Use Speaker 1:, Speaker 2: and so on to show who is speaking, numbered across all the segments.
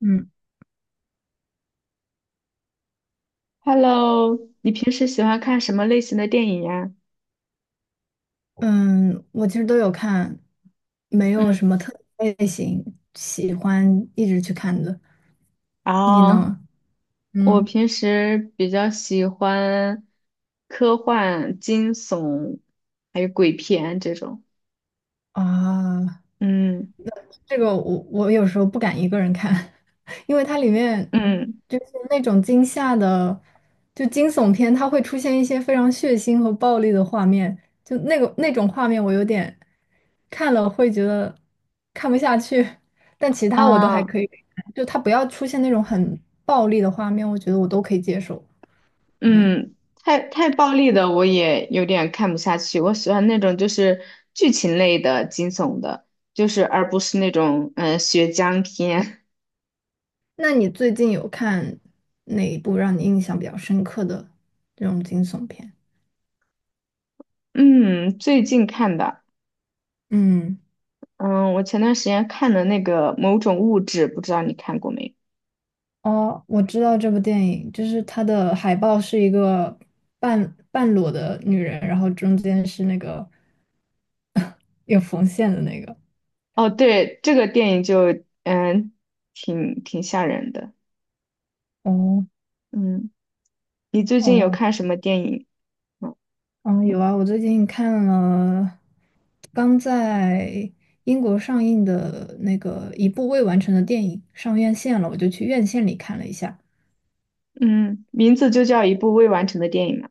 Speaker 1: 嗯
Speaker 2: Hello，你平时喜欢看什么类型的电影呀？
Speaker 1: 嗯，我其实都有看，没
Speaker 2: 嗯，
Speaker 1: 有什么特定类型喜欢一直去看的。
Speaker 2: 然
Speaker 1: 你
Speaker 2: 后
Speaker 1: 呢？
Speaker 2: 我
Speaker 1: 嗯
Speaker 2: 平时比较喜欢科幻、惊悚，还有鬼片这种。
Speaker 1: 啊，
Speaker 2: 嗯
Speaker 1: 这个我有时候不敢一个人看，因为它里面
Speaker 2: 嗯
Speaker 1: 就是那种惊吓的，就惊悚片，它会出现一些非常血腥和暴力的画面，就那个那种画面，我有点看了会觉得看不下去，但其他我都还
Speaker 2: 啊
Speaker 1: 可以看。就它不要出现那种很暴力的画面，我觉得我都可以接受。嗯，
Speaker 2: 嗯，太暴力的我也有点看不下去。我喜欢那种就是剧情类的、惊悚的，就是而不是那种血浆片。
Speaker 1: 那你最近有看哪一部让你印象比较深刻的这种惊悚片？
Speaker 2: 嗯，最近看的。
Speaker 1: 嗯。
Speaker 2: 嗯，我前段时间看的那个《某种物质》，不知道你看过没？
Speaker 1: 哦，我知道这部电影，就是它的海报是一个半半裸的女人，然后中间是那个有缝线的那个。
Speaker 2: 哦，对，这个电影就挺吓人的。
Speaker 1: 哦
Speaker 2: 嗯，你最近有
Speaker 1: 哦，
Speaker 2: 看什么电影吗？
Speaker 1: 嗯，有啊，我最近看了刚在英国上映的那个一部未完成的电影，上院线了，我就去院线里看了一下。
Speaker 2: 嗯，名字就叫一部未完成的电影嘛。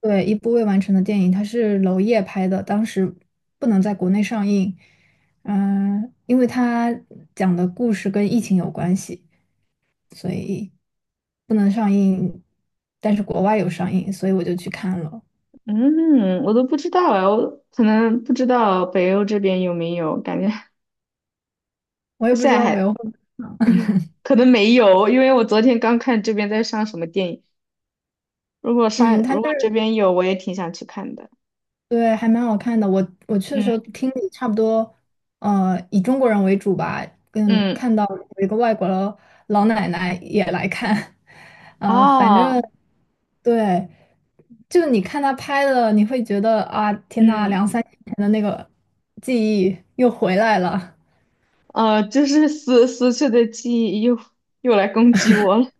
Speaker 1: 对，一部未完成的电影，它是娄烨拍的，当时不能在国内上映，因为他讲的故事跟疫情有关系，所以不能上映，但是国外有上映，所以我就去看了。
Speaker 2: 嗯，我都不知道啊，我可能不知道北欧这边有没有，感觉
Speaker 1: 我也 不
Speaker 2: 现
Speaker 1: 知
Speaker 2: 在
Speaker 1: 道北
Speaker 2: 还
Speaker 1: 欧会。
Speaker 2: 可能没有，因为我昨天刚看这边在上什么电影，如果
Speaker 1: 嗯，
Speaker 2: 上
Speaker 1: 它
Speaker 2: 如果
Speaker 1: 就
Speaker 2: 这
Speaker 1: 是，
Speaker 2: 边有，我也挺想去看的。
Speaker 1: 对，还蛮好看的。我去的时候
Speaker 2: 嗯
Speaker 1: 听力差不多，以中国人为主吧，跟
Speaker 2: 嗯
Speaker 1: 看到有一个外国老奶奶也来看，反
Speaker 2: 啊
Speaker 1: 正对。就你看他拍的，你会觉得啊，天呐，
Speaker 2: 嗯。
Speaker 1: 两三年前的那个记忆又回来了。
Speaker 2: 就是死去的记忆又来攻击我了。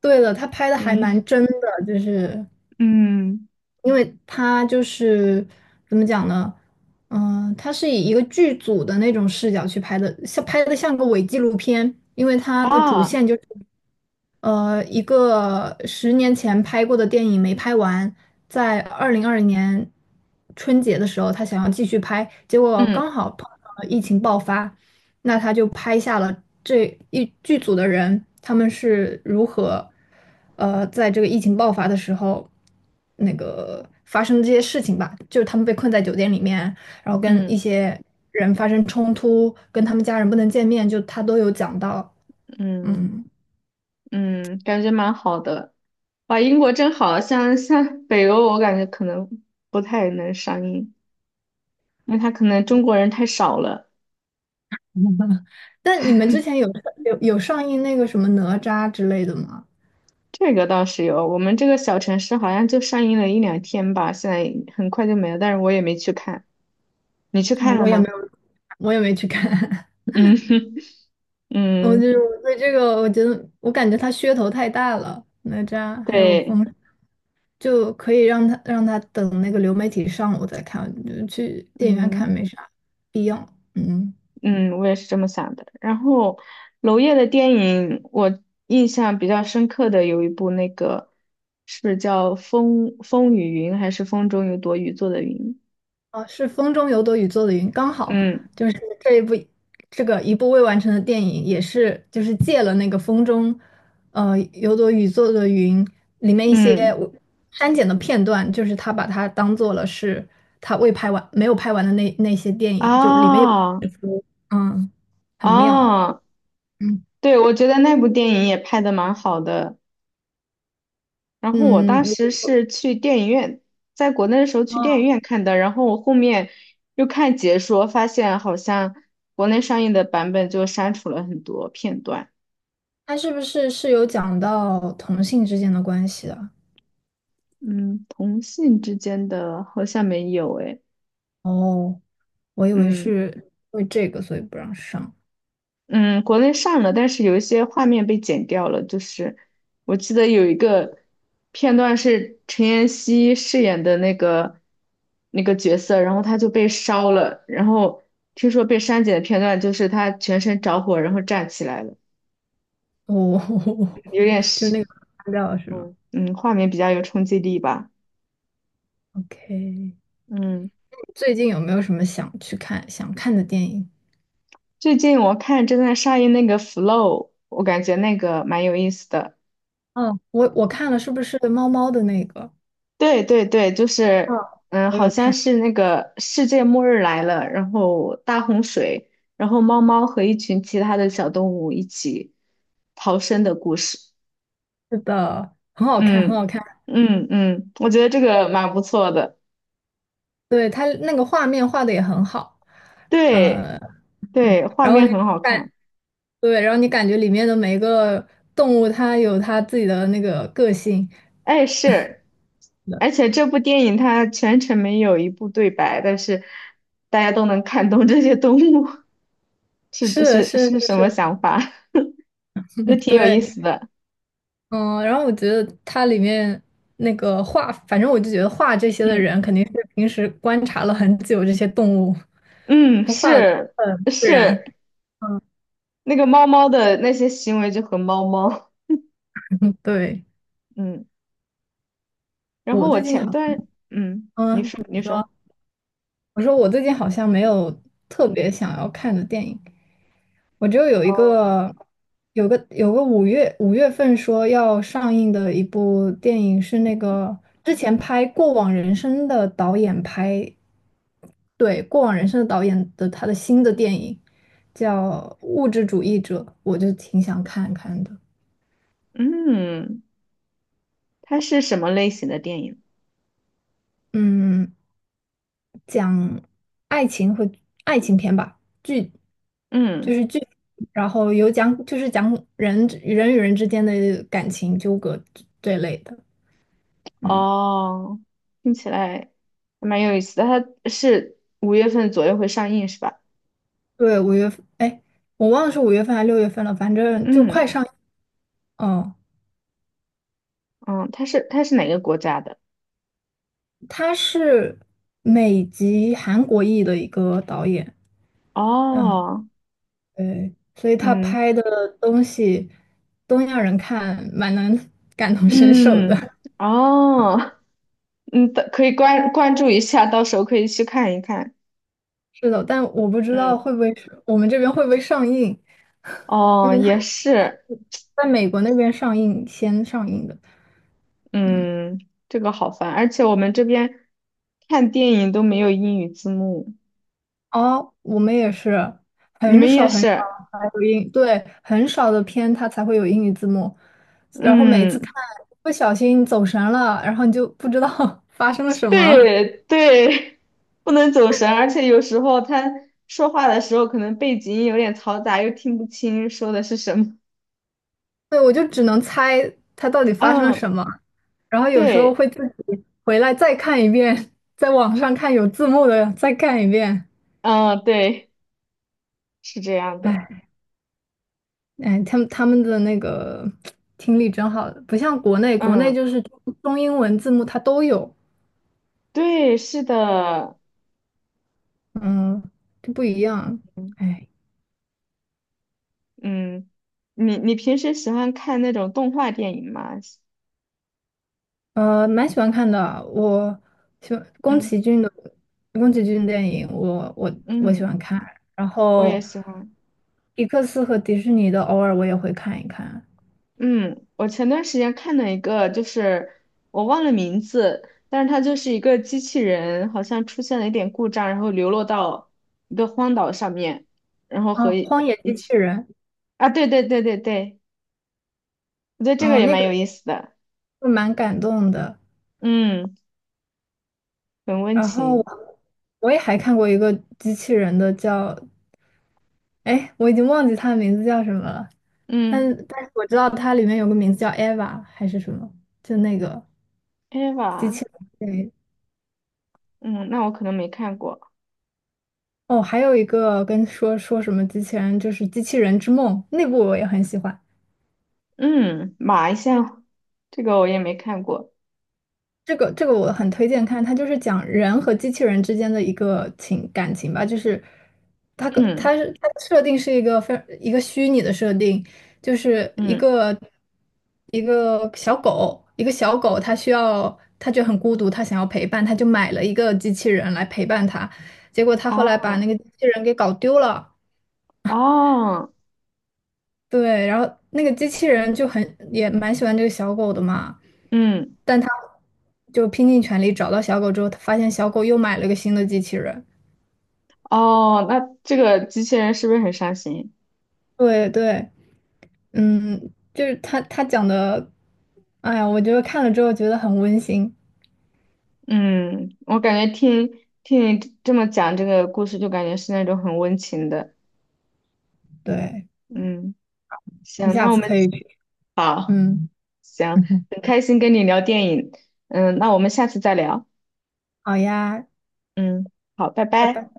Speaker 1: 对了，他拍的还蛮
Speaker 2: 嗯
Speaker 1: 真的，就是
Speaker 2: 嗯
Speaker 1: 因为他就是怎么讲呢？他是以一个剧组的那种视角去拍的，像拍的像个伪纪录片，因为他的主
Speaker 2: 啊，
Speaker 1: 线就是。一个10年前拍过的电影没拍完，在2020年春节的时候，他想要继续拍，结果
Speaker 2: 嗯
Speaker 1: 刚好碰上了疫情爆发，那他就拍下了这一剧组的人，他们是如何，在这个疫情爆发的时候，那个发生这些事情吧，就是他们被困在酒店里面，然后跟一
Speaker 2: 嗯
Speaker 1: 些人发生冲突，跟他们家人不能见面，就他都有讲到，
Speaker 2: 嗯
Speaker 1: 嗯。
Speaker 2: 嗯，感觉蛮好的。哇，英国真好，像北欧，我感觉可能不太能上映，因为它可能中国人太少了。
Speaker 1: 但你们之前有上映那个什么哪吒之类的吗？
Speaker 2: 这个倒是有，我们这个小城市好像就上映了一两天吧，现在很快就没了，但是我也没去看。你去
Speaker 1: 啊
Speaker 2: 看了
Speaker 1: 我也没
Speaker 2: 吗？
Speaker 1: 有，我也没去看。
Speaker 2: 嗯
Speaker 1: 我就
Speaker 2: 嗯，
Speaker 1: 是我对这个，我觉得我感觉它噱头太大了，哪吒还有
Speaker 2: 对，
Speaker 1: 风，就可以让他等那个流媒体上我再看，就去电影院看
Speaker 2: 嗯。
Speaker 1: 没啥必要。嗯。
Speaker 2: 嗯，我也是这么想的。然后，娄烨的电影，我印象比较深刻的有一部，那个是叫《风风雨云》还是《风中有朵雨做的云》？
Speaker 1: 啊，是《风中有朵雨做的云》，刚好
Speaker 2: 嗯
Speaker 1: 就是这一部这个一部未完成的电影，也是就是借了那个《风中呃有朵雨做的云》里面一些
Speaker 2: 嗯，
Speaker 1: 我删减的片段，就是他把它当做了是他未拍完没有拍完的那些电影，就里面有
Speaker 2: 啊
Speaker 1: 嗯很妙。
Speaker 2: 啊，
Speaker 1: 嗯
Speaker 2: 对，我觉得那部电影也拍的蛮好的。然后我当
Speaker 1: 嗯，
Speaker 2: 时是去电影院，在国内的时候去电影院看的，然后我后面又看解说，发现好像国内上映的版本就删除了很多片段。
Speaker 1: 他是不是有讲到同性之间的关系的？
Speaker 2: 嗯，同性之间的好像没有诶。
Speaker 1: 哦，我以为
Speaker 2: 嗯
Speaker 1: 是因为这个所以不让上。
Speaker 2: 嗯，国内上了，但是有一些画面被剪掉了。就是我记得有一个片段是陈妍希饰演的那个角色，然后他就被烧了，然后听说被删减的片段就是他全身着火，然后站起来了，
Speaker 1: 哦，
Speaker 2: 有点
Speaker 1: 就是
Speaker 2: 是
Speaker 1: 那个删掉了是吗
Speaker 2: 画面比较有冲击力吧。
Speaker 1: ？OK，
Speaker 2: 嗯，
Speaker 1: 最近有没有什么想看的电影？
Speaker 2: 最近我看正在上映那个《Flow》，我感觉那个蛮有意思的。
Speaker 1: 哦，我看了，是不是猫猫的那个？
Speaker 2: 对对对，就
Speaker 1: 嗯，
Speaker 2: 是，
Speaker 1: 我
Speaker 2: 好
Speaker 1: 有
Speaker 2: 像
Speaker 1: 看，
Speaker 2: 是那个世界末日来了，然后大洪水，然后猫猫和一群其他的小动物一起逃生的故事。
Speaker 1: 是的，很好看，很
Speaker 2: 嗯
Speaker 1: 好看。
Speaker 2: 嗯嗯，我觉得这个蛮不错的。
Speaker 1: 对，它那个画面画的也很好，
Speaker 2: 对
Speaker 1: 嗯、
Speaker 2: 对，画
Speaker 1: 然后
Speaker 2: 面
Speaker 1: 你
Speaker 2: 很好
Speaker 1: 感
Speaker 2: 看。
Speaker 1: 对，然后你感觉里面的每一个动物，它有它自己的那个个性，
Speaker 2: 哎，是，而且这部电影它全程没有一部对白，但是大家都能看懂这些动物 是
Speaker 1: 是
Speaker 2: 是
Speaker 1: 是
Speaker 2: 是
Speaker 1: 是
Speaker 2: 什么
Speaker 1: 是，
Speaker 2: 想法，就挺有意
Speaker 1: 对，
Speaker 2: 思的。
Speaker 1: 嗯，然后我觉得它里面那个画，反正我就觉得画这些的
Speaker 2: 嗯。
Speaker 1: 人肯定是平时观察了很久这些动物，
Speaker 2: 嗯，
Speaker 1: 就画的
Speaker 2: 是
Speaker 1: 很自然。
Speaker 2: 是，
Speaker 1: 嗯，
Speaker 2: 那个猫猫的那些行为就和猫猫，
Speaker 1: 对，
Speaker 2: 嗯，然后
Speaker 1: 我
Speaker 2: 我
Speaker 1: 最近
Speaker 2: 前
Speaker 1: 好
Speaker 2: 段，
Speaker 1: 像，
Speaker 2: 你
Speaker 1: 嗯，
Speaker 2: 说你
Speaker 1: 你
Speaker 2: 说，
Speaker 1: 说，我说我最近好像没有特别想要看的电影，我就有一
Speaker 2: 嗯
Speaker 1: 个有个有个五月份说要上映的一部电影是那个之前拍《过往人生》的导演拍，对，《过往人生》的导演的他的新的电影叫《物质主义者》，我就挺想看看的。
Speaker 2: 嗯，它是什么类型的电影？
Speaker 1: 嗯，讲爱情和爱情片吧，剧就
Speaker 2: 嗯，
Speaker 1: 是剧，然后有讲就是讲人与人之间的感情纠葛这类的。嗯。
Speaker 2: 哦，听起来还蛮有意思的，它是五月份左右会上映是吧？
Speaker 1: 对，五月份，哎，我忘了是五月份还是六月份了，反正就
Speaker 2: 嗯
Speaker 1: 快上。嗯，
Speaker 2: 嗯，它是哪个国家的？
Speaker 1: 他是美籍韩国裔的一个导演，嗯，
Speaker 2: 哦，
Speaker 1: 对，所以他
Speaker 2: 嗯
Speaker 1: 拍的东西，东亚人看蛮能 感同身受的。
Speaker 2: 嗯，哦，嗯，可以关注一下，到时候可以去看一看。
Speaker 1: 是的，但我不知道
Speaker 2: 嗯。
Speaker 1: 会不会是我们这边会不会上映，因
Speaker 2: 哦，
Speaker 1: 为他
Speaker 2: 也
Speaker 1: 他
Speaker 2: 是，
Speaker 1: 是在美国那边先上映的。
Speaker 2: 嗯，这个好烦，而且我们这边看电影都没有英语字幕，
Speaker 1: 哦，我们也是，
Speaker 2: 你
Speaker 1: 很
Speaker 2: 们也
Speaker 1: 少很少
Speaker 2: 是，
Speaker 1: 才有英，对，很少的片它才会有英语字幕，然后每次看
Speaker 2: 嗯，
Speaker 1: 不小心走神了，然后你就不知道 发生了什么，
Speaker 2: 对对，不能走神，而且有时候他说话的时候可能背景音有点嘈杂，又听不清说的是什么。
Speaker 1: 对，我就只能猜它到底发生了
Speaker 2: 嗯，
Speaker 1: 什么，然后有时候
Speaker 2: 对，
Speaker 1: 会自己回来再看一遍，在网上看有字幕的再看一遍，
Speaker 2: 嗯，对，是这样的，
Speaker 1: 哎哎，他们的那个 听力真好，不像国内，国内
Speaker 2: 嗯，
Speaker 1: 就是中英文字幕它都有。
Speaker 2: 对，是的，
Speaker 1: 嗯，这不一样。
Speaker 2: 嗯，
Speaker 1: 哎，
Speaker 2: 嗯你平时喜欢看那种动画电影吗？
Speaker 1: 蛮喜欢看的。我喜欢
Speaker 2: 嗯
Speaker 1: 宫崎骏电影，我喜
Speaker 2: 嗯。
Speaker 1: 欢看。然
Speaker 2: 我也
Speaker 1: 后，
Speaker 2: 喜欢。
Speaker 1: 迪克斯和迪士尼的偶尔我也会看一看。
Speaker 2: 嗯，我前段时间看了一个，就是我忘了名字，但是它就是一个机器人，好像出现了一点故障，然后流落到一个荒岛上面，然后
Speaker 1: 啊，
Speaker 2: 和一
Speaker 1: 《荒野
Speaker 2: 一
Speaker 1: 机器
Speaker 2: 起
Speaker 1: 人》
Speaker 2: 啊，对对对对对，我觉得这个
Speaker 1: 嗯，
Speaker 2: 也
Speaker 1: 那
Speaker 2: 蛮
Speaker 1: 个
Speaker 2: 有意思的，
Speaker 1: 就蛮感动的。
Speaker 2: 嗯，很温
Speaker 1: 然后我
Speaker 2: 情，
Speaker 1: 我也还看过一个机器人的叫，哎，我已经忘记它的名字叫什么了，但
Speaker 2: 嗯
Speaker 1: 但是我知道它里面有个名字叫 Eva 还是什么，就那个。机
Speaker 2: ，Eva，
Speaker 1: 器人，对，
Speaker 2: 嗯，那我可能没看过，
Speaker 1: 哦，还有一个跟说说什么机器人，就是《机器人之梦》那部我也很喜欢，
Speaker 2: 嗯，马一下，这个我也没看过，
Speaker 1: 这个我很推荐看，它就是讲人和机器人之间的一个情感情吧，就是它
Speaker 2: 嗯
Speaker 1: 是它的设定是一个非一个虚拟的设定，就是
Speaker 2: 嗯，
Speaker 1: 一个小狗，一个小狗它需要它就很孤独，它想要陪伴，它就买了一个机器人来陪伴它，结果它后来把
Speaker 2: 哦
Speaker 1: 那个机器人给搞丢了。
Speaker 2: 哦，
Speaker 1: 对，然后那个机器人就很也蛮喜欢这个小狗的嘛，
Speaker 2: 嗯。
Speaker 1: 但他就拼尽全力找到小狗之后，他发现小狗又买了个新的机器人。
Speaker 2: 哦，那这个机器人是不是很伤心？
Speaker 1: 对对，嗯，就是他讲的，哎呀，我觉得看了之后觉得很温馨。
Speaker 2: 嗯，我感觉听你这么讲这个故事，就感觉是那种很温情的。
Speaker 1: 对，
Speaker 2: 嗯，
Speaker 1: 你
Speaker 2: 行，
Speaker 1: 下
Speaker 2: 那我
Speaker 1: 次
Speaker 2: 们
Speaker 1: 可以去，
Speaker 2: 好，
Speaker 1: 嗯，
Speaker 2: 行，很开心跟你聊电影。嗯，那我们下次再聊。
Speaker 1: 好呀，
Speaker 2: 嗯，好，拜
Speaker 1: 拜
Speaker 2: 拜。
Speaker 1: 拜。